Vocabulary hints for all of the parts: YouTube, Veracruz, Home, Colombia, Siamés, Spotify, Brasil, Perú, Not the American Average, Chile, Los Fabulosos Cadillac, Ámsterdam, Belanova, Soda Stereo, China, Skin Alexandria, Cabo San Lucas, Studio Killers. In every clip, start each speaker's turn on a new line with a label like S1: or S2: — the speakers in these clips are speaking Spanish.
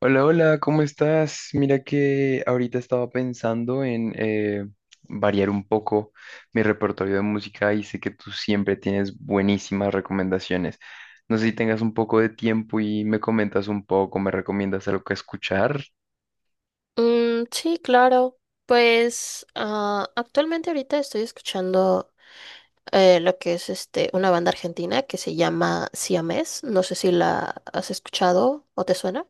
S1: Hola, hola, ¿cómo estás? Mira que ahorita estaba pensando en variar un poco mi repertorio de música y sé que tú siempre tienes buenísimas recomendaciones. No sé si tengas un poco de tiempo y me comentas un poco, me recomiendas algo que escuchar.
S2: Mm, sí, claro. Pues actualmente ahorita estoy escuchando lo que es una banda argentina que se llama Siamés. No sé si la has escuchado o te suena.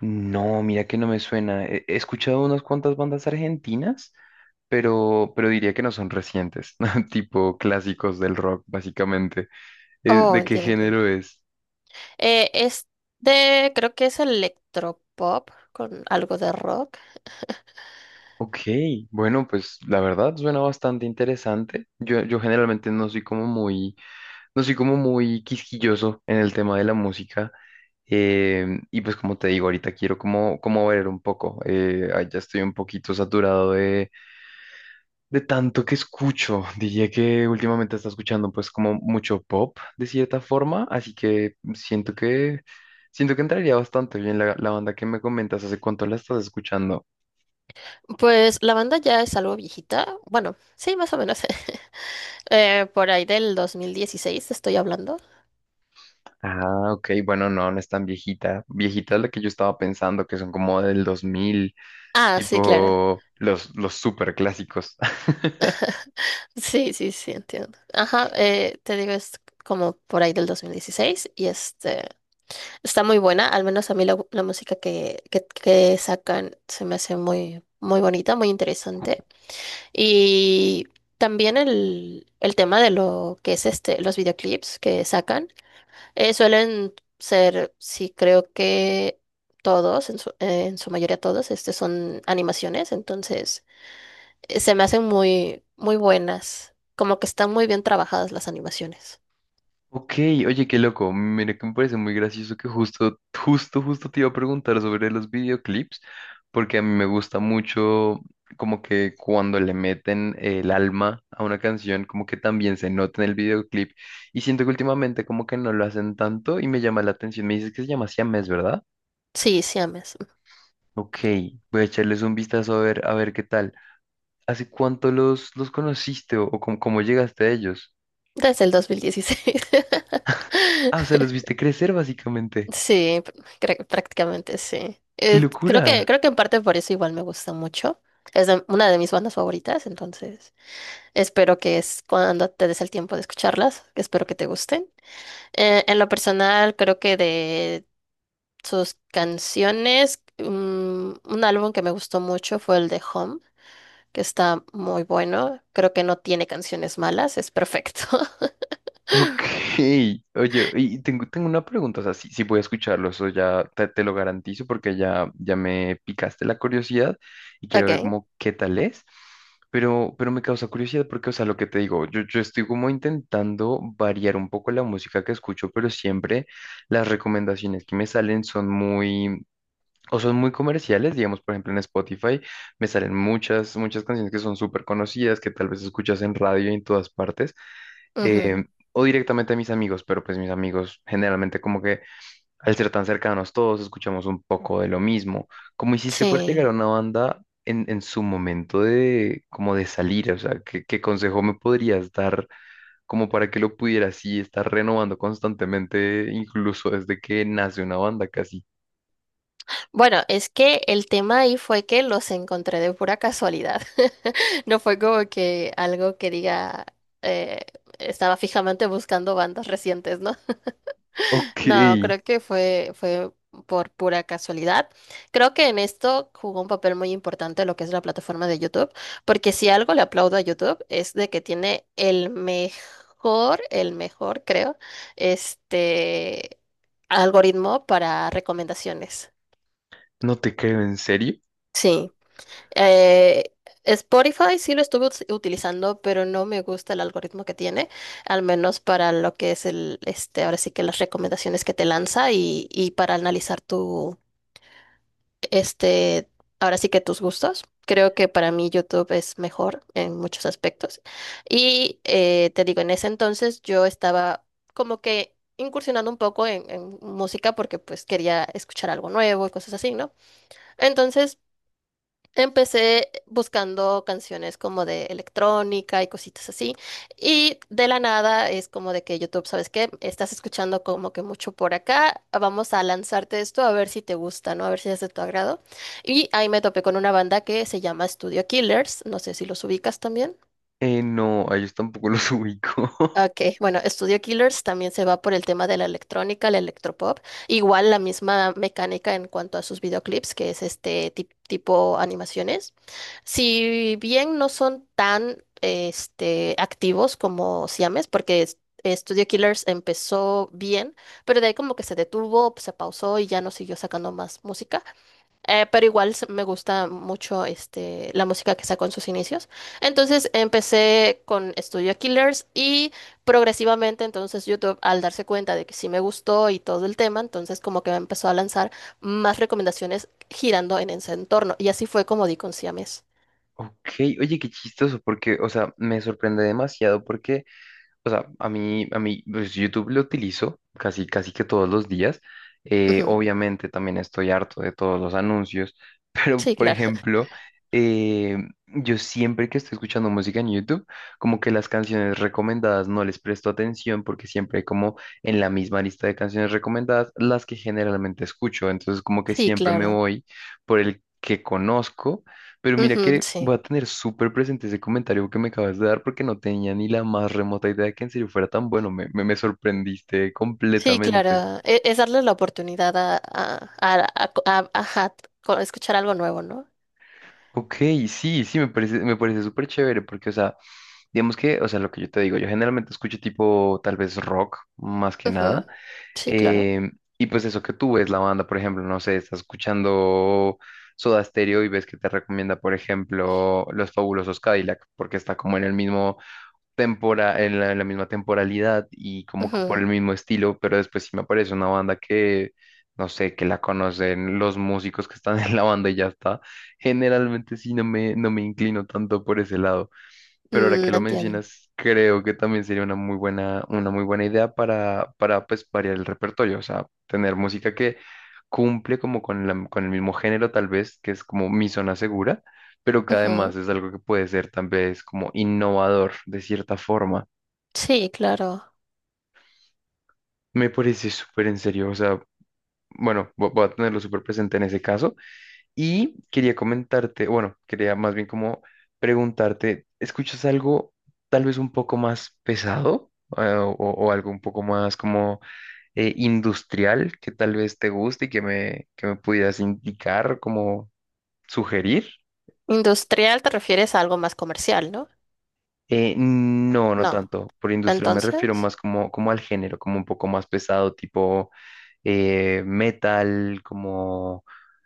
S1: No, mira que no me suena. He escuchado unas cuantas bandas argentinas, pero diría que no son recientes, tipo clásicos del rock, básicamente. Eh,
S2: Oh,
S1: ¿De qué
S2: entiendo.
S1: género es?
S2: Eh, es creo que es electropop con algo de rock.
S1: Ok, bueno, pues la verdad suena bastante interesante. Yo generalmente no soy como muy, no soy como muy quisquilloso en el tema de la música. Y pues como te digo, ahorita quiero como, como ver un poco. Ya estoy un poquito saturado de tanto que escucho. Diría que últimamente está escuchando pues como mucho pop de cierta forma. Así que siento siento que entraría bastante bien la banda que me comentas. ¿Hace cuánto la estás escuchando?
S2: Pues la banda ya es algo viejita. Bueno, sí, más o menos. Por ahí del 2016 te estoy hablando.
S1: Ah, ok, bueno, no, no es tan viejita. Viejita es la que yo estaba pensando, que son como del 2000,
S2: Ah, sí, claro.
S1: tipo los super clásicos.
S2: Sí, sí, sí, entiendo. Ajá, te digo, es como por ahí del 2016 y este está muy buena, al menos a mí la música que sacan se me hace muy, muy bonita, muy interesante. Y también el tema de lo que es este, los videoclips que sacan suelen ser, sí, creo que todos, en su mayoría todos, este son animaciones. Entonces se me hacen muy, muy buenas. Como que están muy bien trabajadas las animaciones.
S1: Ok, oye, qué loco. Mira que me parece muy gracioso que justo te iba a preguntar sobre los videoclips, porque a mí me gusta mucho como que cuando le meten el alma a una canción, como que también se nota en el videoclip. Y siento que últimamente como que no lo hacen tanto y me llama la atención. Me dices que se llama Siamés, ¿verdad?
S2: Sí, siames.
S1: Ok, voy a echarles un vistazo a a ver qué tal. ¿Hace cuánto los conociste o cómo, cómo llegaste a ellos?
S2: Desde el 2016.
S1: Ah, o sea, los viste crecer básicamente.
S2: Sí, prácticamente sí.
S1: ¡Qué
S2: Creo que,
S1: locura!
S2: creo que en parte por eso igual me gusta mucho. Una de mis bandas favoritas. Entonces espero que es cuando te des el tiempo de escucharlas, espero que te gusten. En lo personal, creo que de sus canciones, un álbum que me gustó mucho fue el de Home, que está muy bueno. Creo que no tiene canciones malas, es perfecto.
S1: Ok, oye, y tengo una pregunta, o sea, sí voy a escucharlo, eso ya te lo garantizo porque ya me picaste la curiosidad y quiero ver
S2: Ok,
S1: como qué tal es, pero me causa curiosidad porque, o sea, lo que te digo, yo estoy como intentando variar un poco la música que escucho, pero siempre las recomendaciones que me salen son muy, o son muy comerciales, digamos, por ejemplo, en Spotify me salen muchas canciones que son súper conocidas, que tal vez escuchas en radio y en todas partes,
S2: ujú,
S1: eh, o directamente a mis amigos, pero pues mis amigos generalmente como que al ser tan cercanos todos escuchamos un poco de lo mismo. ¿Cómo hiciste para llegar a
S2: sí.
S1: una banda en su momento de como de salir? O sea, ¿ qué consejo me podrías dar como para que lo pudieras así estar renovando constantemente, incluso desde que nace una banda casi?
S2: Bueno, es que el tema ahí fue que los encontré de pura casualidad. No fue como que algo que diga, eh, estaba fijamente buscando bandas recientes, ¿no?
S1: Ok.
S2: No, creo que fue por pura casualidad. Creo que en esto jugó un papel muy importante lo que es la plataforma de YouTube, porque si algo le aplaudo a YouTube es de que tiene el mejor, creo, este algoritmo para recomendaciones.
S1: No te creo, ¿en serio?
S2: Sí. Eh, Spotify sí lo estuve utilizando, pero no me gusta el algoritmo que tiene, al menos para lo que es ahora sí que las recomendaciones que te lanza, y para analizar este, ahora sí que tus gustos. Creo que para mí YouTube es mejor en muchos aspectos. Y te digo, en ese entonces yo estaba como que incursionando un poco en música, porque pues quería escuchar algo nuevo y cosas así, ¿no? Entonces empecé buscando canciones como de electrónica y cositas así. Y de la nada es como de que YouTube, ¿sabes qué? Estás escuchando como que mucho por acá. Vamos a lanzarte esto a ver si te gusta, ¿no? A ver si es de tu agrado. Y ahí me topé con una banda que se llama Studio Killers. No sé si los ubicas también.
S1: No, a ellos tampoco los ubico.
S2: Ok, bueno, Studio Killers también se va por el tema de la electrónica, el electropop, igual la misma mecánica en cuanto a sus videoclips, que es este tipo animaciones. Si bien no son tan este, activos como Siames, porque Studio Killers empezó bien, pero de ahí como que se detuvo, se pausó y ya no siguió sacando más música. Pero igual me gusta mucho este, la música que sacó en sus inicios. Entonces empecé con Studio Killers y progresivamente entonces YouTube, al darse cuenta de que sí me gustó y todo el tema, entonces como que me empezó a lanzar más recomendaciones girando en ese entorno. Y así fue como di con Siames.
S1: Ok, oye, qué chistoso, porque, o sea, me sorprende demasiado porque o sea, a mí, pues, YouTube lo utilizo casi que todos los días.
S2: Ujú.
S1: Obviamente también estoy harto de todos los anuncios, pero
S2: Sí,
S1: por
S2: claro.
S1: ejemplo, eh, yo siempre que estoy escuchando música en YouTube, como que las canciones recomendadas no les presto atención porque siempre hay como en la misma lista de canciones recomendadas las que generalmente escucho. Entonces como que
S2: Sí,
S1: siempre me
S2: claro.
S1: voy por el que conozco pero mira
S2: Ujú,
S1: que
S2: sí.
S1: voy a tener súper presente ese comentario que me acabas de dar porque no tenía ni la más remota idea de que en serio fuera tan bueno. Me sorprendiste
S2: Sí,
S1: completamente.
S2: claro. Es, darle la oportunidad a ajá, escuchar algo nuevo, ¿no?
S1: Ok, sí, sí, me me parece súper chévere porque, o sea, digamos que, o sea, lo que yo te digo, yo generalmente escucho tipo tal vez rock más que
S2: Ujú,
S1: nada.
S2: sí, claro.
S1: em, y pues eso que tú ves la banda, por ejemplo, no sé, estás escuchando Soda Stereo y ves que te recomienda, por ejemplo, Los Fabulosos Cadillac porque está como en el mismo en en la misma temporalidad y como que por el
S2: Ujú.
S1: mismo estilo, pero después sí me aparece una banda no sé, que la conocen los músicos que están en la banda y ya está. Generalmente sí no me inclino tanto por ese lado. Pero ahora que
S2: Mm,
S1: lo
S2: entiendo.
S1: mencionas, creo que también sería una muy una muy buena idea para pues, variar el repertorio, o sea, tener música que cumple como con el mismo género tal vez, que es como mi zona segura, pero que además
S2: Ujú.
S1: es algo que puede ser tal vez como innovador de cierta forma.
S2: Sí, claro.
S1: Me parece súper en serio, o sea, bueno, voy a tenerlo súper presente en ese caso. Y quería comentarte, bueno, quería más bien como preguntarte, ¿escuchas algo tal vez un poco más pesado? O algo un poco más como industrial que tal vez te guste y que que me pudieras indicar, como sugerir?
S2: ¿Industrial te refieres a algo más comercial, no?
S1: No, no
S2: No.
S1: tanto. Por industria me refiero
S2: Entonces.
S1: más como, como al género, como un poco más pesado, tipo metal, como,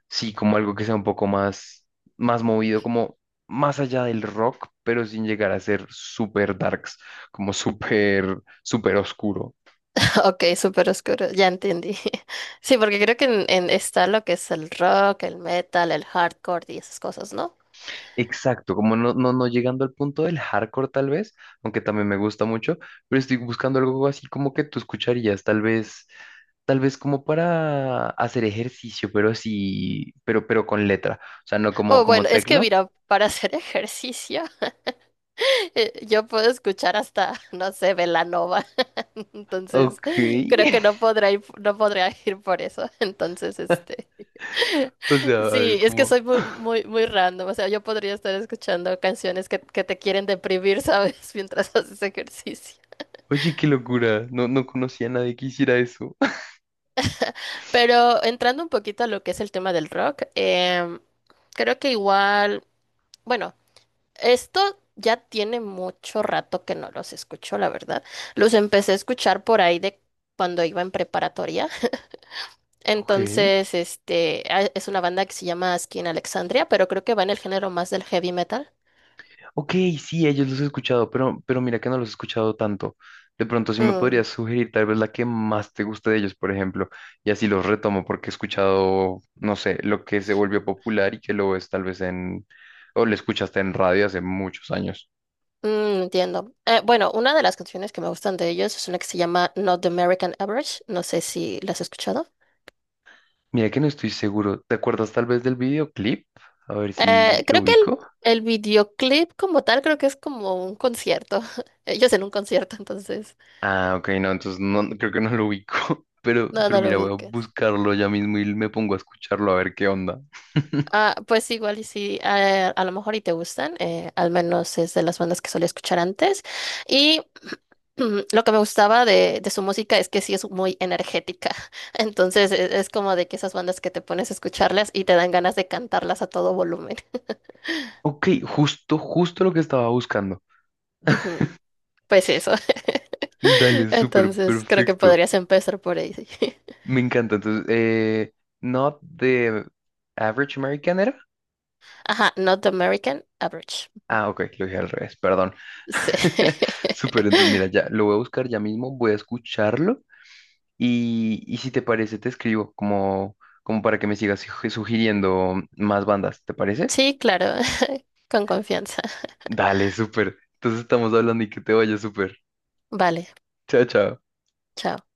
S1: sí, como algo que sea un poco más, más movido, como más allá del rock, pero sin llegar a ser súper darks, como súper oscuro.
S2: Ok, súper oscuro. Ya entendí. Sí, porque creo que está lo que es el rock, el metal, el hardcore y esas cosas, ¿no?
S1: Exacto, como no llegando al punto del hardcore tal vez, aunque también me gusta mucho, pero estoy buscando algo así como que tú escucharías, tal tal vez como para hacer ejercicio, pero sí, pero con letra, o sea, no como,
S2: Oh,
S1: como
S2: bueno, es que
S1: tecno.
S2: mira, para hacer ejercicio, yo puedo escuchar hasta, no sé, Belanova. Entonces,
S1: Ok,
S2: creo que no podrá ir por eso. Entonces, este.
S1: o sea, a ver,
S2: Sí, es que
S1: como,
S2: soy muy, muy, muy random. O sea, yo podría estar escuchando canciones que te quieren deprimir, ¿sabes? Mientras haces ejercicio.
S1: oye, qué locura, no, no conocía a nadie que hiciera eso.
S2: Pero entrando un poquito a lo que es el tema del rock, creo que igual, bueno, esto ya tiene mucho rato que no los escucho, la verdad. Los empecé a escuchar por ahí de cuando iba en preparatoria.
S1: Ok.
S2: Entonces, este, es una banda que se llama Skin Alexandria, pero creo que va en el género más del heavy metal.
S1: Ok, sí, ellos los he escuchado, pero mira que no los he escuchado tanto. De pronto, sí me
S2: Mm.
S1: podrías sugerir tal vez la que más te guste de ellos, por ejemplo, y así los retomo porque he escuchado, no sé, lo que se volvió popular y que lo ves tal vez en, o lo escuchaste en radio hace muchos años.
S2: Mm, entiendo. Bueno, una de las canciones que me gustan de ellos es una que se llama Not the American Average. No sé si la has escuchado.
S1: Mira que no estoy seguro. ¿Te acuerdas tal vez del videoclip? A ver si
S2: Eh,
S1: lo
S2: creo que el,
S1: ubico.
S2: el videoclip como tal, creo que es como un concierto. Ellos en un concierto. Entonces.
S1: Ah, ok, no, entonces creo que no lo ubico.
S2: No,
S1: Pero
S2: no lo
S1: mira, voy a
S2: ubicas.
S1: buscarlo ya mismo y me pongo a escucharlo a ver qué onda.
S2: Ah, pues igual y sí, a lo mejor y te gustan. Al menos es de las bandas que solía escuchar antes. Y lo que me gustaba de su música es que sí es muy energética. Entonces es como de que esas bandas que te pones a escucharlas y te dan ganas de cantarlas a todo volumen.
S1: Ok, justo lo que estaba buscando.
S2: Ujú, pues eso.
S1: Dale, súper
S2: Entonces creo que
S1: perfecto.
S2: podrías empezar por ahí, sí.
S1: Me encanta. Entonces, Not the Average American era.
S2: Ajá, Not American Average.
S1: Ah, ok, lo dije al revés, perdón.
S2: Sí.
S1: Súper, entonces mira, ya lo voy a buscar ya mismo, voy a escucharlo y si te parece te escribo como, como para que me sigas sugiriendo más bandas, ¿te parece?
S2: Sí, claro, con confianza.
S1: Dale, súper. Entonces estamos hablando y que te vaya súper.
S2: Vale,
S1: Chao, chao.
S2: chao.